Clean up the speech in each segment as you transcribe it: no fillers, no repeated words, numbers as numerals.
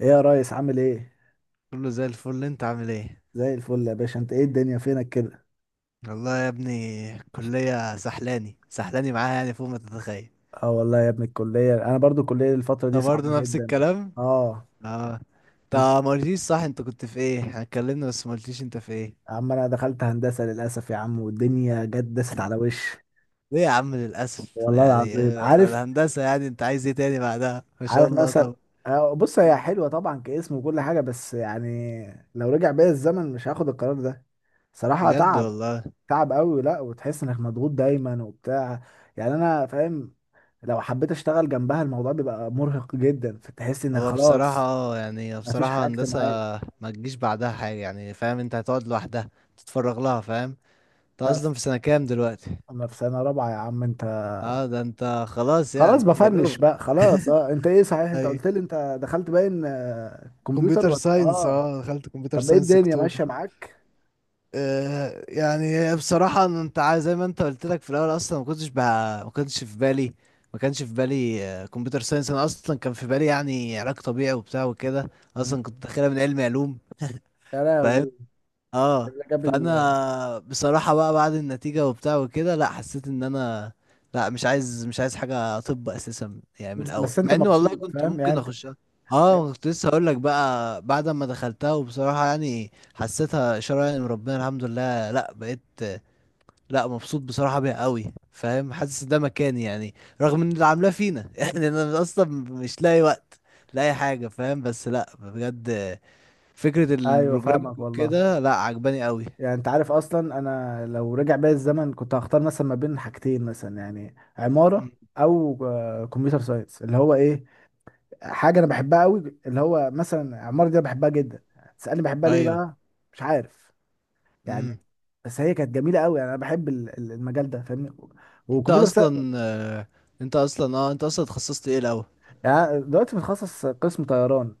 ايه يا ريس؟ عامل ايه؟ كله زي الفل، انت عامل ايه؟ زي الفل يا باشا. انت ايه الدنيا فينك كده؟ والله يا ابني الكلية سحلاني سحلاني معاها، يعني فوق ما تتخيل. اه والله يا ابني الكليه، انا برضو الكليه الفتره دي انت صعبه برضه نفس جدا. الكلام؟ اه. اه. انت انت، ما قلتليش، صح؟ انت كنت في ايه؟ احنا اتكلمنا بس ما قلتليش انت في ايه. يا عم انا دخلت هندسه للاسف يا عم، والدنيا جت دست على وشي. ليه يا عم للاسف؟ والله العظيم عارف، هندسة، يعني انت عايز ايه تاني بعدها؟ ما شاء عارف الله مثلا، طبعا. بص هي حلوه طبعا كاسم وكل حاجه، بس يعني لو رجع بيا الزمن مش هاخد القرار ده. صراحه بجد تعب، والله. تعب قوي، لا وتحس انك مضغوط دايما وبتاع. يعني انا فاهم، لو حبيت اشتغل جنبها الموضوع بيبقى مرهق جدا، فتحس انك هو بصراحة خلاص مفيش بصراحة حاجة هندسة اجتماعية. ما تجيش بعدها حاجة، يعني فاهم؟ انت هتقعد لوحدها، تتفرغ لها، فاهم؟ انت لا، اصلا في سنة كام دلوقتي؟ انا في سنة رابعة يا عم انت. اه ده انت خلاص خلاص يعني، يا بفنش دوب. بقى خلاص. اه، انت ايه صحيح؟ انت اي. قلت لي انت دخلت باين كمبيوتر كمبيوتر ولا ساينس، اه؟ اه، دخلت كمبيوتر طب ايه ساينس الدنيا ماشية اكتوبر. معاك؟ آه يعني هي بصراحة، إن انت عايز زي ما انت قلت لك، في الاول اصلا ما كنتش في بالي، ما كانش في بالي كمبيوتر ساينس. انا اصلا كان في بالي يعني علاج طبيعي وبتاع وكده. مم. اصلا كنت داخلها من علم علوم. يا فاهم؟ لهوي. اه. اللي جاب ال... فانا بصراحة بقى، بعد النتيجة وبتاع وكده، لا، حسيت ان انا لا، مش عايز حاجة طب اساسا، يعني من بس, الاول، بس انت مع ان والله مبسوط كنت فاهم يعني ممكن انت؟ اخشها. اه، كنت لسه هقول لك بقى، بعد ما دخلتها وبصراحة يعني حسيتها اشارة يعني من ربنا، الحمد لله، لا بقيت، لا، مبسوط بصراحة بيها قوي، فاهم، حاسس ده مكاني يعني، رغم ان اللي عاملاه فينا. يعني انا اصلا مش لاقي وقت، لاقي حاجة، فاهم؟ بس لا بجد، فكرة ايوه البروجرامينج فاهمك والله. وكده، لا، عجباني قوي. يعني انت عارف اصلا انا لو رجع بيا الزمن كنت هختار مثلا ما بين حاجتين، مثلا يعني عمارة مم. او كمبيوتر ساينس، اللي هو ايه، حاجه انا بحبها قوي، اللي هو مثلا عمارة دي انا بحبها جدا. تسالني بحبها ليه ايوه. بقى؟ مش عارف يعني، امم. بس هي كانت جميله قوي، يعني انا بحب المجال ده فاهمني. انت وكمبيوتر سا... اصلا انت اصلا انت اصلا اتخصصت ايه الاول؟ يعني دلوقتي متخصص قسم طيران،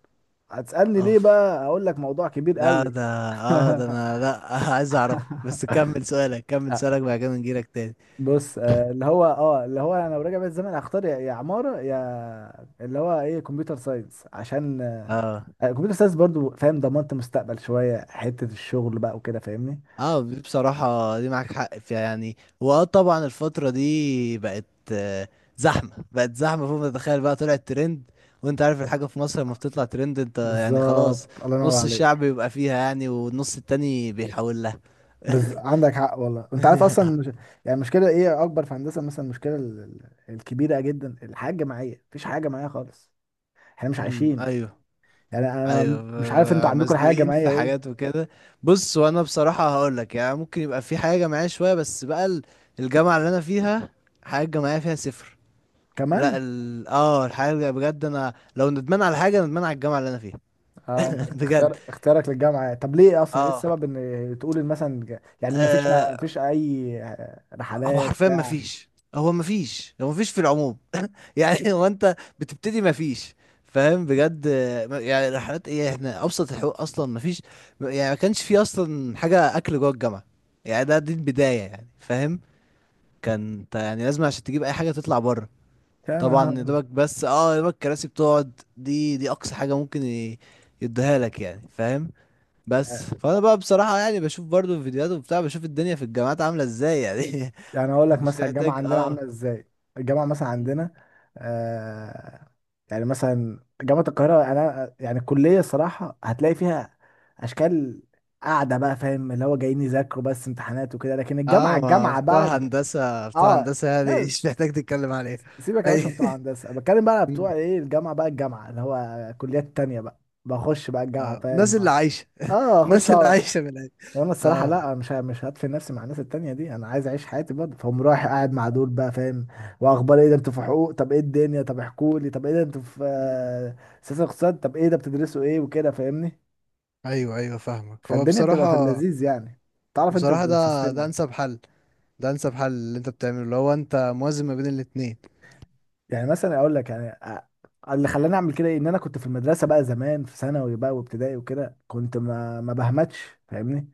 هتسالني ليه اوف، بقى؟ اقول لك موضوع كبير لا قوي. ده، اه ده انا، لا عايز اعرف، بس كمل سؤالك، كمل آه، سؤالك، بعد كده نجيلك تاني. بص اللي هو انا لو راجع بيا الزمن هختار يا يا عماره يا اللي هو ايه كمبيوتر ساينس، عشان اه. الكمبيوتر ساينس برضو فاهم ضمنت مستقبل شويه، حته الشغل بقى وكده فاهمني. اه، دي بصراحة دي معاك حق فيها، يعني واه طبعا، الفترة دي بقت آه، زحمة، بقت زحمة فوق ما تتخيل بقى، طلعت ترند، وانت عارف الحاجة في مصر لما بتطلع ترند، انت يعني خلاص، بالظبط، الله ينور نص الشعب عليك. بيبقى فيها يعني، والنص التاني بيحاول لها. بس عندك حق والله. انت عارف اصلا مش... يعني المشكله ايه اكبر في هندسه؟ مثلا المشكله ال- الكبيره جدا، الحياه الجماعيه، مفيش حاجه جماعيه خالص، احنا مش امم، عايشين. ايوه. يعني انا مش عارف انتوا عندكم الحياه مزنوقين الجماعيه في ايه. حاجات وكده. بص، وانا بصراحه هقول لك يعني ممكن يبقى في حاجه جماعيه شويه، بس بقى الجامعه اللي انا فيها حاجه جماعيه فيها صفر. لا كمان. ال... اه الحاجه اللي بجد انا لو ندمان على حاجه، ندمان على الجامعه اللي انا فيها. اه، انت بجد. اختيارك للجامعه، طب ليه؟ اصلا ايه اه. السبب ان تقول إن مثلا يعني مفيش، ما آه. فيش اي هو رحلات حرفيا ما بتاع فيش، هو ما فيش في العموم، يعني. هو انت بتبتدي مفيش، فاهم؟ بجد. آه، يعني رحلات ايه، احنا ابسط الحقوق اصلا مفيش، يعني ما كانش في اصلا حاجه اكل جوه الجامعه، يعني ده دي البدايه، يعني فاهم؟ كان انت يعني لازم عشان تجيب اي حاجه تطلع بره. يا طبعا يا نهار. دوبك، بس اه، يا دوبك الكراسي بتقعد، دي اقصى حاجه ممكن يديها لك، يعني فاهم. بس فانا بقى بصراحه يعني بشوف برضو الفيديوهات وبتاع، بشوف الدنيا في الجامعات عامله ازاي يعني. يعني اقول لك مش مثلا الجامعه محتاج، عندنا اه. عامله ازاي؟ الجامعه مثلا عندنا، آه، يعني مثلا جامعه القاهره، انا يعني الكليه الصراحه هتلاقي فيها اشكال قاعده بقى، فاهم اللي هو جايين يذاكروا بس امتحانات وكده، لكن الجامعه اه ما بتوع هندسة، بتوع اه، هندسة يعني. لا، مش محتاج تتكلم عليه. سيبك يا باشا اي. من بتوع هندسه، بتكلم بقى بتوع ايه، الجامعه بقى، الجامعه اللي هو كليات تانية بقى، بخش بقى الجامعه اه فاهم. الناس اللي عايشة. اه، اخش. الناس اللي عايشة من العيش. وانا الصراحه اه. لا، مش هدفن نفسي مع الناس التانية دي، انا عايز اعيش حياتي برضه فهم، رايح قاعد مع دول بقى فاهم. واخبار ايه؟ ده انتوا في حقوق؟ طب ايه الدنيا؟ طب احكوا لي، طب ايه ده انتوا في مم. سياسه اقتصاد؟ طب ايه ده بتدرسوا ايه وكده فاهمني؟ ايوه، ايوه، فاهمك. هو فالدنيا بتبقى في بصراحة، اللذيذ يعني، تعرف انت بصراحة، ده السيستم ده يعني. انسب حل، ده انسب حل اللي انت بتعمله، اللي هو انت موازن ما بين الاتنين. يعني مثلا اقول لك يعني اللي خلاني اعمل كده إيه؟ ان انا كنت في المدرسه بقى زمان، في ثانوي بقى وابتدائي وكده، كنت ما بهمتش فاهمني.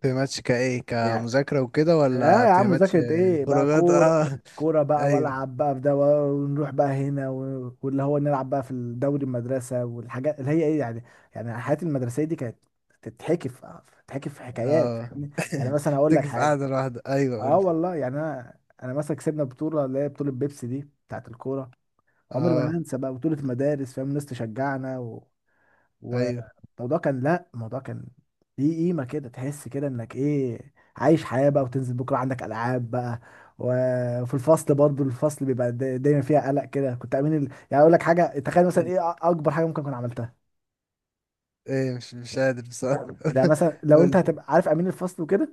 بتهمتش كايه، يعني كمذاكرة وكده، اه، ولا يا عم بتهمتش؟ مذاكرة ايه بقى؟ خروجات، كورة، اه. كورة بقى ايوه. والعب بقى في ده، ونروح بقى هنا واللي هو نلعب بقى في الدوري المدرسة والحاجات اللي هي ايه يعني. يعني الحياة المدرسية دي كانت تتحكي في تتحكي في حكايات اه. فاهمني؟ يعني مثلا اقول لك تكفي حاجة. قاعدة لوحدك. ايوه، اه قول. والله، يعني انا انا مثلا كسبنا بطولة، اللي هي بطولة بيبسي دي بتاعت الكورة، عمري ما اه. هنسى بقى بطولة المدارس فاهم، الناس تشجعنا ايوه. والموضوع كان، لا الموضوع كان ليه قيمة كده، تحس كده انك ايه عايش حياة بقى، وتنزل بكرة عندك ألعاب بقى. وفي الفصل برضو، الفصل بيبقى دايما فيها قلق كده. كنت أمين ال... يعني أقول لك حاجة، تخيل مثلا ايه أكبر حاجة ممكن أكون عملتها. ايه؟ مش قادر بصراحة. ده مثلا لو أنت قول. هتبقى عارف أمين الفصل وكده،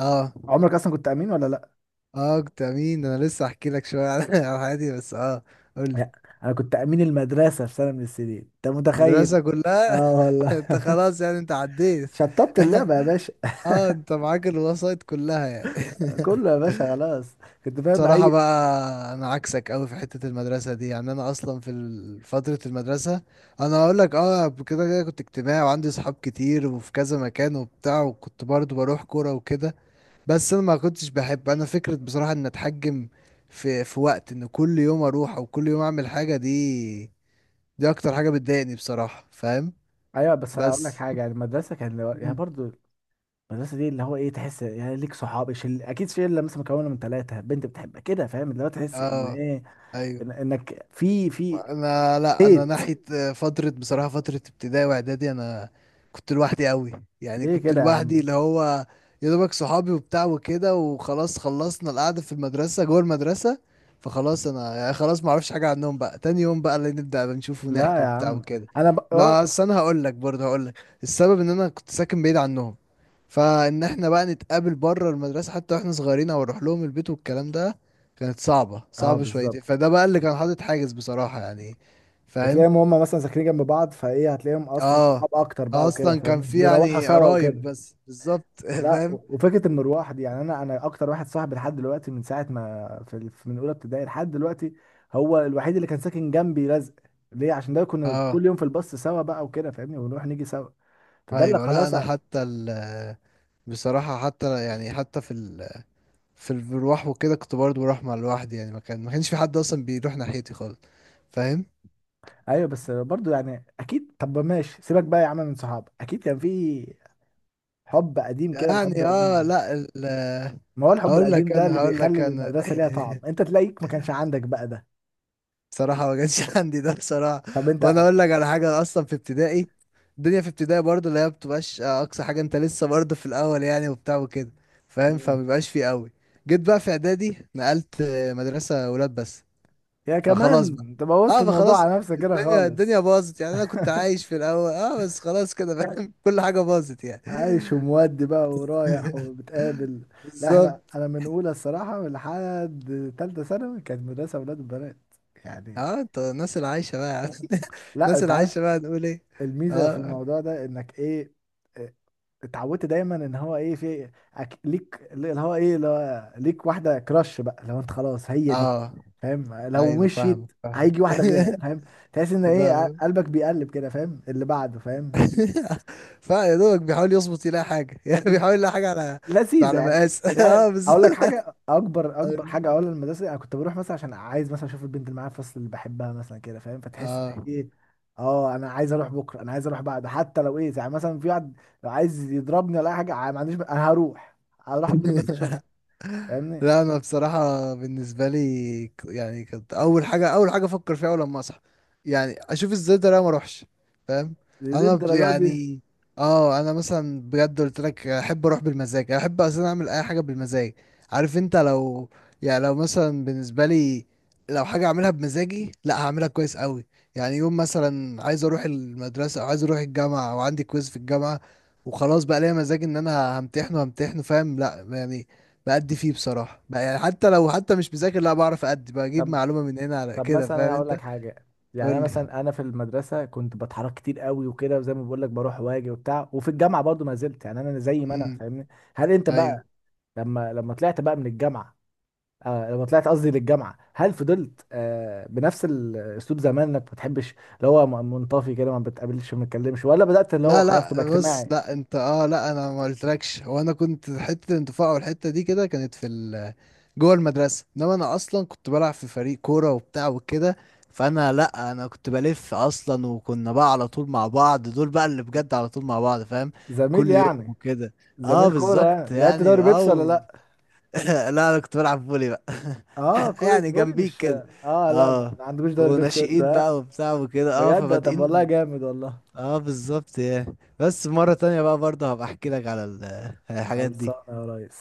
اه. عمرك أصلا كنت أمين ولا لأ؟ اه، كنت امين. انا لسه احكي لك شوية على على حياتي، بس اه، قول لي. لا، أنا كنت أمين المدرسة في سنة من السنين، أنت متخيل؟ مدرسة كلها. اه والله، انت خلاص يعني، انت عديت. شطبت اللعبة يا باشا. اه، انت معاك الوسائط كلها يعني. كله يا باشا خلاص. كنت فاهم بصراحة أي. بقى، انا عكسك قوي في حتة المدرسة دي، يعني انا اصلا في فترة المدرسة، انا هقول لك، اه، كده كده كنت اجتماعي، وعندي صحاب كتير، وفي كذا مكان وبتاع، وكنت برضو بروح كورة وكده. بس انا ما كنتش بحب انا فكرة بصراحة ان اتحجم في وقت، ان كل يوم اروح او كل يوم اعمل حاجة دي، دي اكتر حاجة بتضايقني بصراحة، فاهم؟ ايوه، بس هقول لك بس. حاجه، يعني المدرسه كان يعني مم. برضو، المدرسة دي اللي هو ايه، تحس يعني ليك صحاب شل... اكيد شله مثلا مكونة من ثلاثة، بنت بتحبك كده فاهم، اللي هو تحس ان اه، ايه، ايوه. إن... انك في في انا لا، انا ديت. ناحيه فتره بصراحه فتره ابتدائي واعدادي، انا كنت لوحدي قوي، يعني ليه كنت كده يا لوحدي، عم؟ اللي هو يا دوبك صحابي وبتاع وكده، وخلاص، خلصنا القعده في المدرسه، جوه المدرسه فخلاص. انا يعني خلاص ما اعرفش حاجه عنهم بقى، تاني يوم بقى اللي نبدا نشوف لا ونحكي يا وبتاع عم، وكده. انا ب... اه، ما أصل انا هقول لك برضه، هقول لك السبب، ان انا كنت ساكن بعيد عنهم، فان احنا بقى نتقابل بره المدرسه حتى واحنا صغيرين، او نروح لهم البيت والكلام ده، كانت صعبة، صعبة شويتين، بالظبط. فده بقى اللي كان حاطط حاجز بصراحة يعني. فاهم؟ بتلاقيهم هم مثلا ساكنين جنب بعض، فايه هتلاقيهم اصلا اه. صحاب اكتر آه، بقى وكده اصلا كان فاهم، في بيروحوا يعني سوا قرايب وكده. بس بالظبط. لا، فاهم. وفكره المروحه دي، يعني انا انا اكتر واحد صاحبي لحد دلوقتي من ساعه ما في من اولى ابتدائي لحد دلوقتي، هو الوحيد اللي كان ساكن جنبي لزق. ليه؟ عشان ده كنا اه، كل يوم في الباص سوا بقى وكده فاهمني، ونروح نيجي سوا، فده اللي ايوه. لا خلاص انا حتى ال، بصراحة حتى يعني، حتى في ال، بروح وكده كنت برضه بروح مع لوحدي يعني، ما كان ما كانش في حد اصلا بيروح ناحيتي خالص، فاهم؟ ايوه. بس برضو يعني اكيد، طب ماشي سيبك بقى يا عم من صحاب، اكيد كان في حب قديم كده، الحب يعني القديم اه. ده، لا ال ما هو الحب هقول القديم لك ده انا، اللي هقول بيخلي لك انا. المدرسه ليها طعم، انت تلاقيك ما كانش عندك بقى ده؟ بصراحة ما كانش عندي ده بصراحة. طب وانا انت؟ اقول لك على حاجة، أنا اصلا في ابتدائي، الدنيا في ابتدائي برضه اللي هي بتبقاش اقصى حاجة، انت لسه برضه في الاول يعني وبتاع وكده، فاهم؟ مم. فمبيبقاش فيه قوي. جيت بقى في اعدادي، نقلت مدرسة ولاد بس، يا فخلاص كمان بقى. انت بوظت اه الموضوع فخلاص، على نفسك كده الدنيا خالص. باظت، يعني انا كنت عايش في الاول اه، بس خلاص كده فاهم. كل حاجة باظت يعني. عايش ومودي بقى ورايح وبتقابل. لا بالظبط. احنا، انا من اولى الصراحه لحد تالته ثانوي كانت مدرسه اولاد وبنات يعني. اه، انت الناس اللي عايشة بقى. لا الناس انت اللي عارف، عايشة بقى، نقول ايه؟ الميزه في اه. الموضوع ده انك ايه، اه، اتعودت دايما ان هو ايه في ليك اللي هو ايه، اللي هو ليك واحده كراش بقى، لو انت خلاص هي دي اه فاهم، لو ايوه، فاهمك، مشيت فاهمك، هيجي واحده غيرها فاهم، تحس ان ايه فاهمك. قلبك بيقلب كده فاهم اللي بعده فاهم، فيا دوبك بيحاول يظبط يلاقي حاجه يعني، بيحاول يلاقي حاجه على لذيذه على يعني. مقاس. يعني اه اقول لك بالظبط. حاجه، اكبر اكبر حاجه اقول للمدرسه، انا كنت بروح مثلا عشان عايز مثلا اشوف البنت اللي معايا في الفصل اللي بحبها مثلا كده فاهم، فتحس إنك اه. ايه، اه انا عايز اروح بكره، انا عايز اروح بعد، حتى لو ايه يعني مثلا في واحد لو عايز يضربني ولا اي حاجه، ما عنديش انا هروح، هروح اتضرب بس اشوفها فاهمني. لا انا بصراحه بالنسبه لي، يعني كانت اول حاجه، اول حاجه افكر فيها اول لما اصحى، يعني اشوف ازاي ده أنا ما اروحش، فاهم؟ ليه الدرجه دي؟ يعني اه، انا مثلا بجد قلت لك احب اروح بالمزاج، احب اصلا اعمل اي حاجه بالمزاج، عارف؟ انت لو يعني، لو مثلا بالنسبه لي، لو حاجه اعملها بمزاجي، لا هعملها كويس قوي. يعني يوم مثلا عايز اروح المدرسه، او عايز اروح الجامعه، او عندي كويز في الجامعه، وخلاص بقى ليا مزاج ان انا همتحن، وهمتحن فاهم، لا يعني بأدي فيه بصراحة بقى، يعني حتى لو حتى مش مذاكر، لا بعرف أدي، بجيب طب، معلومة من هنا على طب كده، مثلا فاهم انا هقول انت؟ لك حاجه، يعني قول انا لي. مثلا انا في المدرسه كنت بتحرك كتير قوي وكده، وزي ما بقول لك بروح واجي وبتاع، وفي الجامعه برضو ما زلت يعني انا زي ما انا امم، فاهمني. هل انت ايوه. بقى، لما طلعت بقى من الجامعه، آه لما طلعت قصدي للجامعه، هل فضلت آه بنفس الاسلوب زمان، انك ما بتحبش اللي هو منطفي كده، ما بتقابلش، ما بتكلمش، ولا بدات اللي هو لا، خلاص تبقى لا، بص، اجتماعي؟ لا انت اه، لا انا ما قلتلكش، هو انا كنت حتة الانتفاع والحتة دي كده كانت في ال، جوه المدرسة، انما انا اصلا كنت بلعب في فريق كورة وبتاع وكده، فانا لا، انا كنت بلف اصلا، وكنا بقى على طول مع بعض، دول بقى اللي بجد على طول مع بعض، فاهم؟ زميل كل يوم يعني، وكده. اه زميل كوره بالظبط يعني، لعبت دوري يعني، بيبسي ولا اه. لا؟ لا انا كنت بلعب فولي بقى. اه، كوره يعني فولي، جنبيك مش كده. اه، لا اه، ما عندوش دوري بيبسي انت وناشئين آه؟ بقى وبتاع وكده، اه بجد؟ طب والله فبادئين. جامد والله. اه بالظبط يعني، بس مرة تانية بقى برضه هبقى احكي لك على الحاجات خلصانه دي. يا ريس.